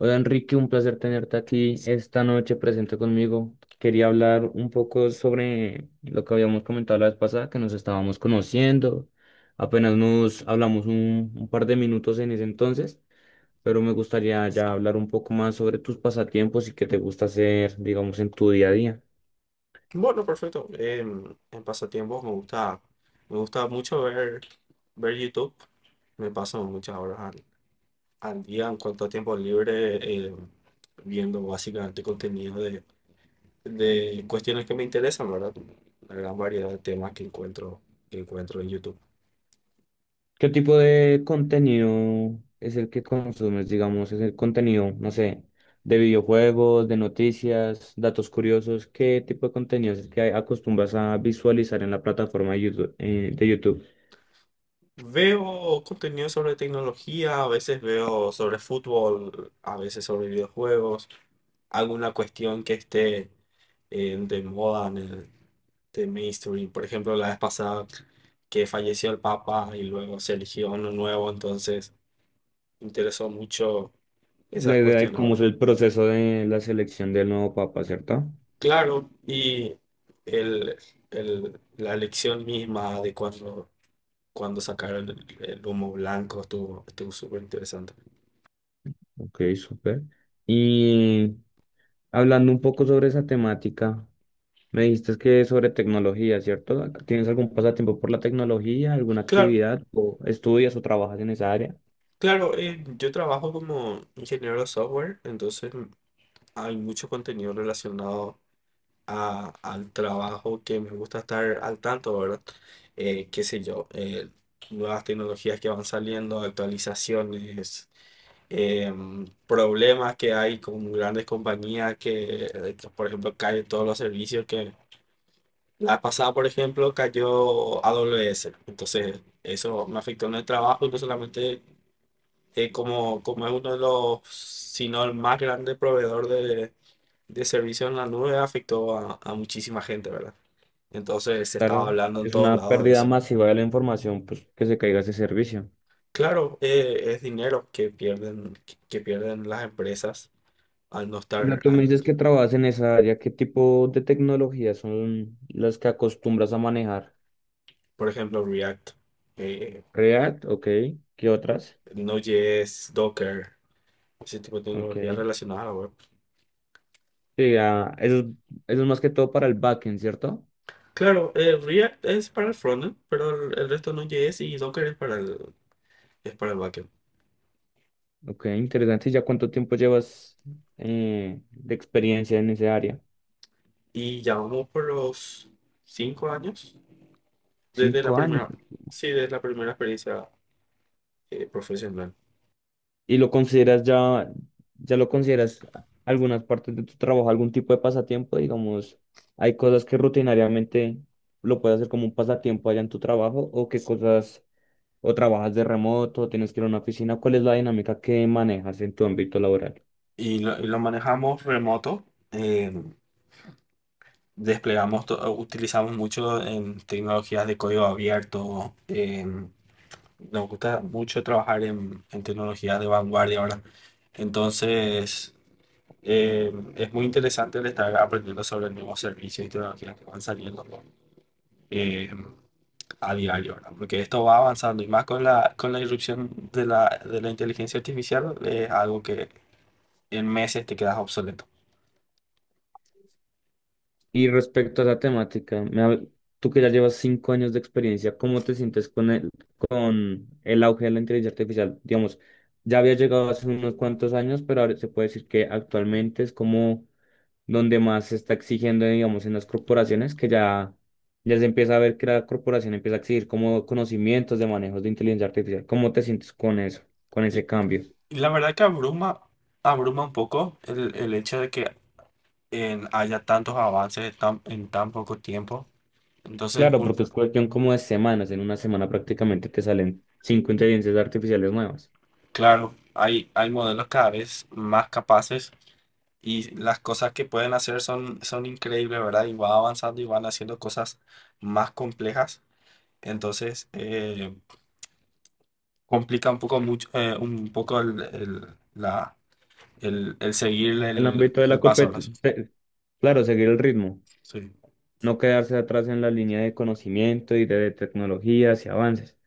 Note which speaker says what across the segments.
Speaker 1: Hola Enrique, un placer tenerte aquí esta noche presente conmigo. Quería hablar un poco sobre lo que habíamos comentado la vez pasada, que nos estábamos conociendo. Apenas nos hablamos un par de minutos en ese entonces, pero me gustaría ya hablar un poco más sobre tus pasatiempos y qué te gusta hacer, digamos, en tu día a día.
Speaker 2: Bueno, perfecto. En pasatiempos me gusta mucho ver YouTube. Me paso muchas horas al día en cuanto a tiempo libre, eh, viendo básicamente contenido de cuestiones que me interesan, ¿verdad? La gran variedad de temas que encuentro en YouTube.
Speaker 1: ¿Qué tipo de contenido es el que consumes? Digamos, es el contenido, no sé, de videojuegos, de noticias, datos curiosos. ¿Qué tipo de contenido es el que acostumbras a visualizar en la plataforma de YouTube?
Speaker 2: Veo contenido sobre tecnología, a veces veo sobre fútbol, a veces sobre videojuegos, alguna cuestión que esté, de moda en el de mainstream. Por ejemplo, la vez pasada que falleció el Papa y luego se eligió uno nuevo, entonces me interesó mucho
Speaker 1: La
Speaker 2: esas
Speaker 1: idea de
Speaker 2: cuestiones,
Speaker 1: cómo
Speaker 2: ¿verdad?
Speaker 1: es el proceso de la selección del nuevo papa, ¿cierto?
Speaker 2: Claro, y el, la elección misma de cuando sacaron el humo blanco estuvo súper interesante.
Speaker 1: Ok, súper. Y hablando un poco sobre esa temática, me dijiste que es sobre tecnología, ¿cierto? ¿Tienes algún pasatiempo por la tecnología, alguna
Speaker 2: Claro.
Speaker 1: actividad, o estudias o trabajas en esa área?
Speaker 2: Claro, yo trabajo como ingeniero de software, entonces hay mucho contenido relacionado al trabajo que me gusta estar al tanto, ¿verdad? Qué sé yo, nuevas tecnologías que van saliendo, actualizaciones, problemas que hay con grandes compañías que, por ejemplo, caen todos los servicios que la pasada, por ejemplo, cayó AWS. Entonces, eso me afectó en el trabajo y no solamente, como es uno de los, si no el más grande proveedor de servicios en la nube, afectó a muchísima gente, ¿verdad? Entonces se estaba
Speaker 1: Claro,
Speaker 2: hablando en
Speaker 1: es
Speaker 2: todos
Speaker 1: una
Speaker 2: lados de
Speaker 1: pérdida
Speaker 2: eso.
Speaker 1: masiva de la información, pues que se caiga ese servicio.
Speaker 2: Claro, es dinero que pierden, que pierden las empresas al no
Speaker 1: Bueno,
Speaker 2: estar,
Speaker 1: tú me
Speaker 2: al-
Speaker 1: dices que trabajas en esa área, ¿qué tipo de tecnologías son las que acostumbras a manejar?
Speaker 2: Por ejemplo, React, eh,
Speaker 1: React, ok, ¿qué
Speaker 2: Re-
Speaker 1: otras?
Speaker 2: Node.js, Docker, ese tipo de
Speaker 1: Ok.
Speaker 2: tecnologías relacionadas a la web.
Speaker 1: Sí, ah, eso es más que todo para el backend, ¿cierto?
Speaker 2: Claro, React es para el frontend, pero el resto no Node.js y Docker es para el backend.
Speaker 1: Ok, interesante. ¿Y ya cuánto tiempo llevas de experiencia en esa área?
Speaker 2: Y ya vamos por los 5 años desde la
Speaker 1: 5 años.
Speaker 2: primera, sí, desde la primera experiencia, profesional.
Speaker 1: y lo consideras ya, ya lo consideras algunas partes de tu trabajo, algún tipo de pasatiempo, digamos, hay cosas que rutinariamente lo puedes hacer como un pasatiempo allá en tu trabajo o qué cosas, o trabajas de remoto, tienes que ir a una oficina, ¿cuál es la dinámica que manejas en tu ámbito laboral?
Speaker 2: Y lo manejamos remoto, eh, desplegamos, utilizamos mucho en tecnologías de código abierto, nos gusta mucho trabajar en tecnologías de vanguardia ahora. Entonces, es muy interesante el estar aprendiendo sobre nuevos servicios y tecnologías que van saliendo. Eh, a diario, ¿verdad? Porque esto va avanzando y más con la irrupción de la inteligencia artificial es algo que en meses te quedas obsoleto.
Speaker 1: Y respecto a la temática, tú que ya llevas 5 años de experiencia, ¿cómo te sientes con con el auge de la inteligencia artificial? Digamos, ya había llegado hace unos cuantos años, pero ahora se puede decir que actualmente es como donde más se está exigiendo, digamos, en las corporaciones, ya se empieza a ver que la corporación empieza a exigir como conocimientos de manejos de inteligencia artificial. ¿Cómo te sientes con eso, con
Speaker 2: Y
Speaker 1: ese cambio?
Speaker 2: y la verdad que abruma un poco el hecho de que haya tantos avances en tan poco tiempo. Entonces,
Speaker 1: Claro, porque es cuestión como de semanas, en una semana prácticamente te salen cinco inteligencias artificiales nuevas.
Speaker 2: claro, hay modelos cada vez más capaces y las cosas que pueden hacer son increíbles, ¿verdad? Y va avanzando y van haciendo cosas más complejas. Entonces, complica un poco mucho, un poco el seguir
Speaker 1: El
Speaker 2: el,
Speaker 1: ámbito de
Speaker 2: el
Speaker 1: la
Speaker 2: pasabras.
Speaker 1: competencia, claro, seguir el ritmo,
Speaker 2: Sí.
Speaker 1: no quedarse atrás en la línea de conocimiento y de tecnologías y avances.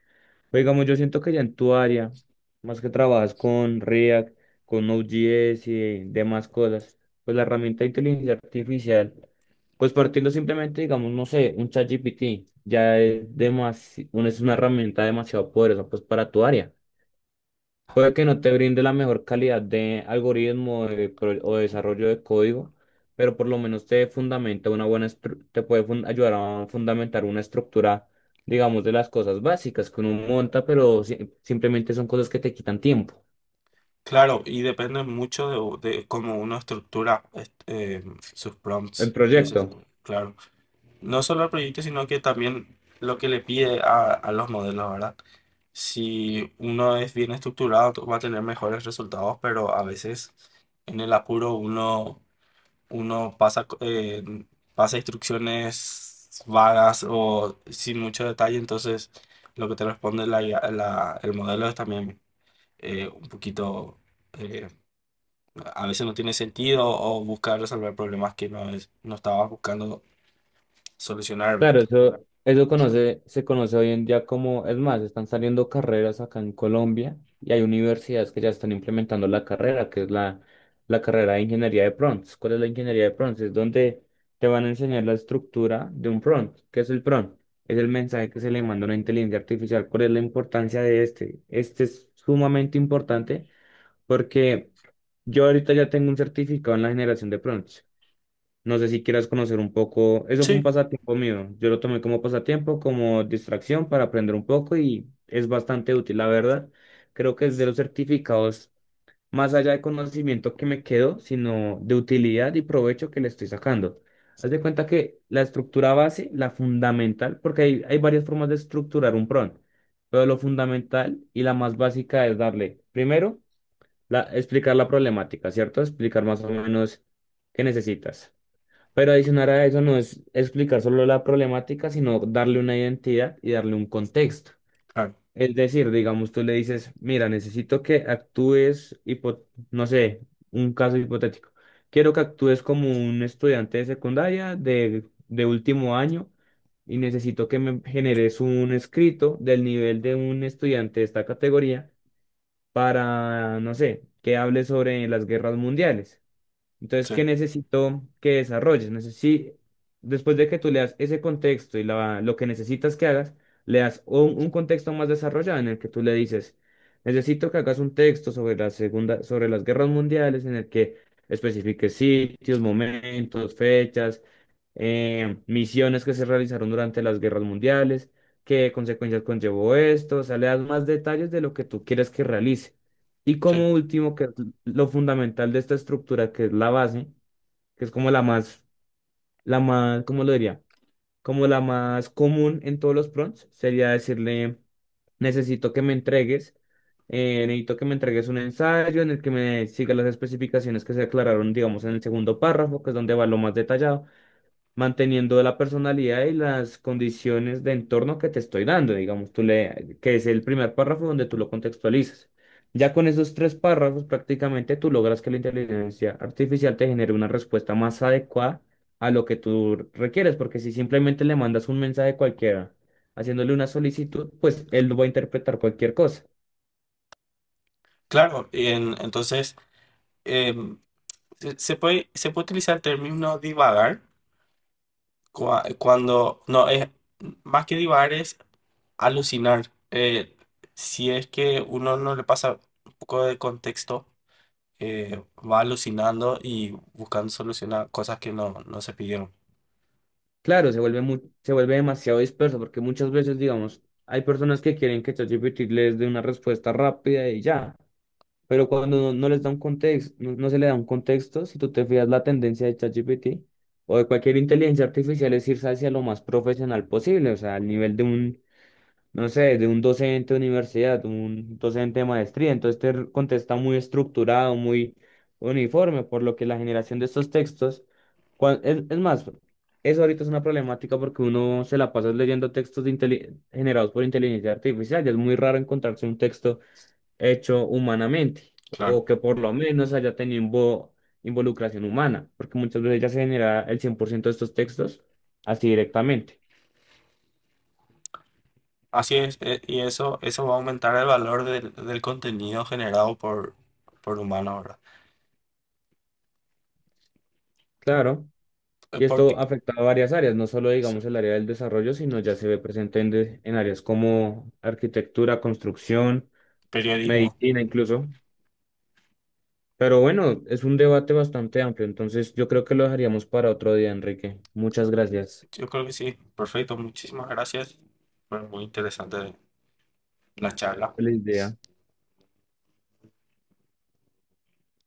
Speaker 1: Pero digamos, yo siento que ya en tu área, más que trabajas con React, con Node.js y demás cosas, pues la herramienta de inteligencia artificial, pues partiendo simplemente, digamos, no sé, un ChatGPT, ya es es una herramienta demasiado poderosa, pues para tu área. Puede que no te brinde la mejor calidad de algoritmo de o de desarrollo de código, pero por lo menos te fundamenta una buena ayudar a fundamentar una estructura, digamos, de las cosas básicas que uno monta, pero simplemente son cosas que te quitan tiempo
Speaker 2: Claro, y depende mucho de cómo uno estructura sus
Speaker 1: en
Speaker 2: prompts y eso,
Speaker 1: proyecto.
Speaker 2: claro. No solo el proyecto, sino que también lo que le pide a los modelos, ¿verdad? Si uno es bien estructurado, va a tener mejores resultados, pero a veces en el apuro uno pasa instrucciones vagas o sin mucho detalle, entonces lo que te responde la IA, el modelo es también, un poquito, eh, a veces no tiene sentido o busca resolver problemas que no estabas buscando solucionar, ¿verdad?
Speaker 1: Claro, se conoce hoy en día como, es más, están saliendo carreras acá en Colombia y hay universidades que ya están implementando la carrera, que es la carrera de ingeniería de prompts. ¿Cuál es la ingeniería de prompts? Es donde te van a enseñar la estructura de un prompt. ¿Qué es el prompt? Es el mensaje que se le manda a una inteligencia artificial. ¿Cuál es la importancia de este? Este es sumamente importante porque yo ahorita ya tengo un certificado en la generación de prompts. No sé si quieras conocer un poco. Eso fue un
Speaker 2: Sí,
Speaker 1: pasatiempo mío. Yo lo tomé como pasatiempo, como distracción para aprender un poco y es bastante útil, la verdad. Creo que es de los certificados, más allá de conocimiento que me quedo, sino de utilidad y provecho que le estoy sacando. Haz de cuenta que la estructura base, la fundamental, porque hay varias formas de estructurar un prompt, pero lo fundamental y la más básica es darle, primero, explicar la problemática, ¿cierto? Explicar más o menos qué necesitas. Pero adicionar a eso no es explicar solo la problemática, sino darle una identidad y darle un contexto.
Speaker 2: claro,
Speaker 1: Es decir, digamos, tú le dices, mira, necesito que actúes, no sé, un caso hipotético. Quiero que actúes como un estudiante de secundaria de último año y necesito que me generes un escrito del nivel de un estudiante de esta categoría para, no sé, que hable sobre las guerras mundiales. Entonces,
Speaker 2: sí,
Speaker 1: ¿qué necesito que desarrolles? Después de que tú le das ese contexto y lo que necesitas que hagas, le das un contexto más desarrollado en el que tú le dices, necesito que hagas un texto sobre sobre las guerras mundiales, en el que especifiques sitios, momentos, fechas, misiones que se realizaron durante las guerras mundiales, qué consecuencias conllevó esto, o sea, le das más detalles de lo que tú quieres que realice. Y
Speaker 2: sí.
Speaker 1: como último, que lo fundamental de esta estructura, que es la base, que es como ¿cómo lo diría? Como la más común en todos los prompts, sería decirle, necesito que me entregues, necesito que me entregues un ensayo en el que me siga las especificaciones que se aclararon, digamos, en el segundo párrafo, que es donde va lo más detallado manteniendo la personalidad y las condiciones de entorno que te estoy dando, digamos, que es el primer párrafo donde tú lo contextualizas. Ya con esos tres párrafos prácticamente tú logras que la inteligencia artificial te genere una respuesta más adecuada a lo que tú requieres, porque si simplemente le mandas un mensaje cualquiera haciéndole una solicitud, pues él lo va a interpretar cualquier cosa.
Speaker 2: Claro, y entonces, em, se puede utilizar el término divagar, cuando, no, es más que divagar, es alucinar. Si es que uno no le pasa un poco de contexto, va alucinando y buscando solucionar cosas que no se pidieron.
Speaker 1: Claro, se vuelve se vuelve demasiado disperso porque muchas veces, digamos, hay personas que quieren que ChatGPT les dé una respuesta rápida y ya. Pero cuando no les da un contexto, no se le da un contexto, si tú te fijas la tendencia de ChatGPT o de cualquier inteligencia artificial es irse hacia lo más profesional posible, o sea, al nivel de un, no sé, de un docente de universidad, un docente de maestría, entonces contesta muy estructurado, muy uniforme, por lo que la generación de estos textos, es más, eso ahorita es una problemática porque uno se la pasa leyendo textos de generados por inteligencia artificial, y es muy raro encontrarse un texto hecho humanamente
Speaker 2: Claro.
Speaker 1: o que por lo menos haya tenido involucración humana, porque muchas veces ya se genera el 100% de estos textos así directamente.
Speaker 2: Así es, y eso va a aumentar el valor del contenido generado por humano, ahora.
Speaker 1: Claro, y esto
Speaker 2: Porque,
Speaker 1: afecta a varias áreas, no solo digamos
Speaker 2: sí,
Speaker 1: el área del desarrollo, sino ya se ve presente en, en áreas como arquitectura, construcción,
Speaker 2: periodismo.
Speaker 1: medicina incluso. Pero bueno, es un debate bastante amplio, entonces yo creo que lo dejaríamos para otro día, Enrique. Muchas gracias.
Speaker 2: Yo creo que sí. Perfecto, muchísimas gracias. Fue muy interesante la charla.
Speaker 1: Feliz día.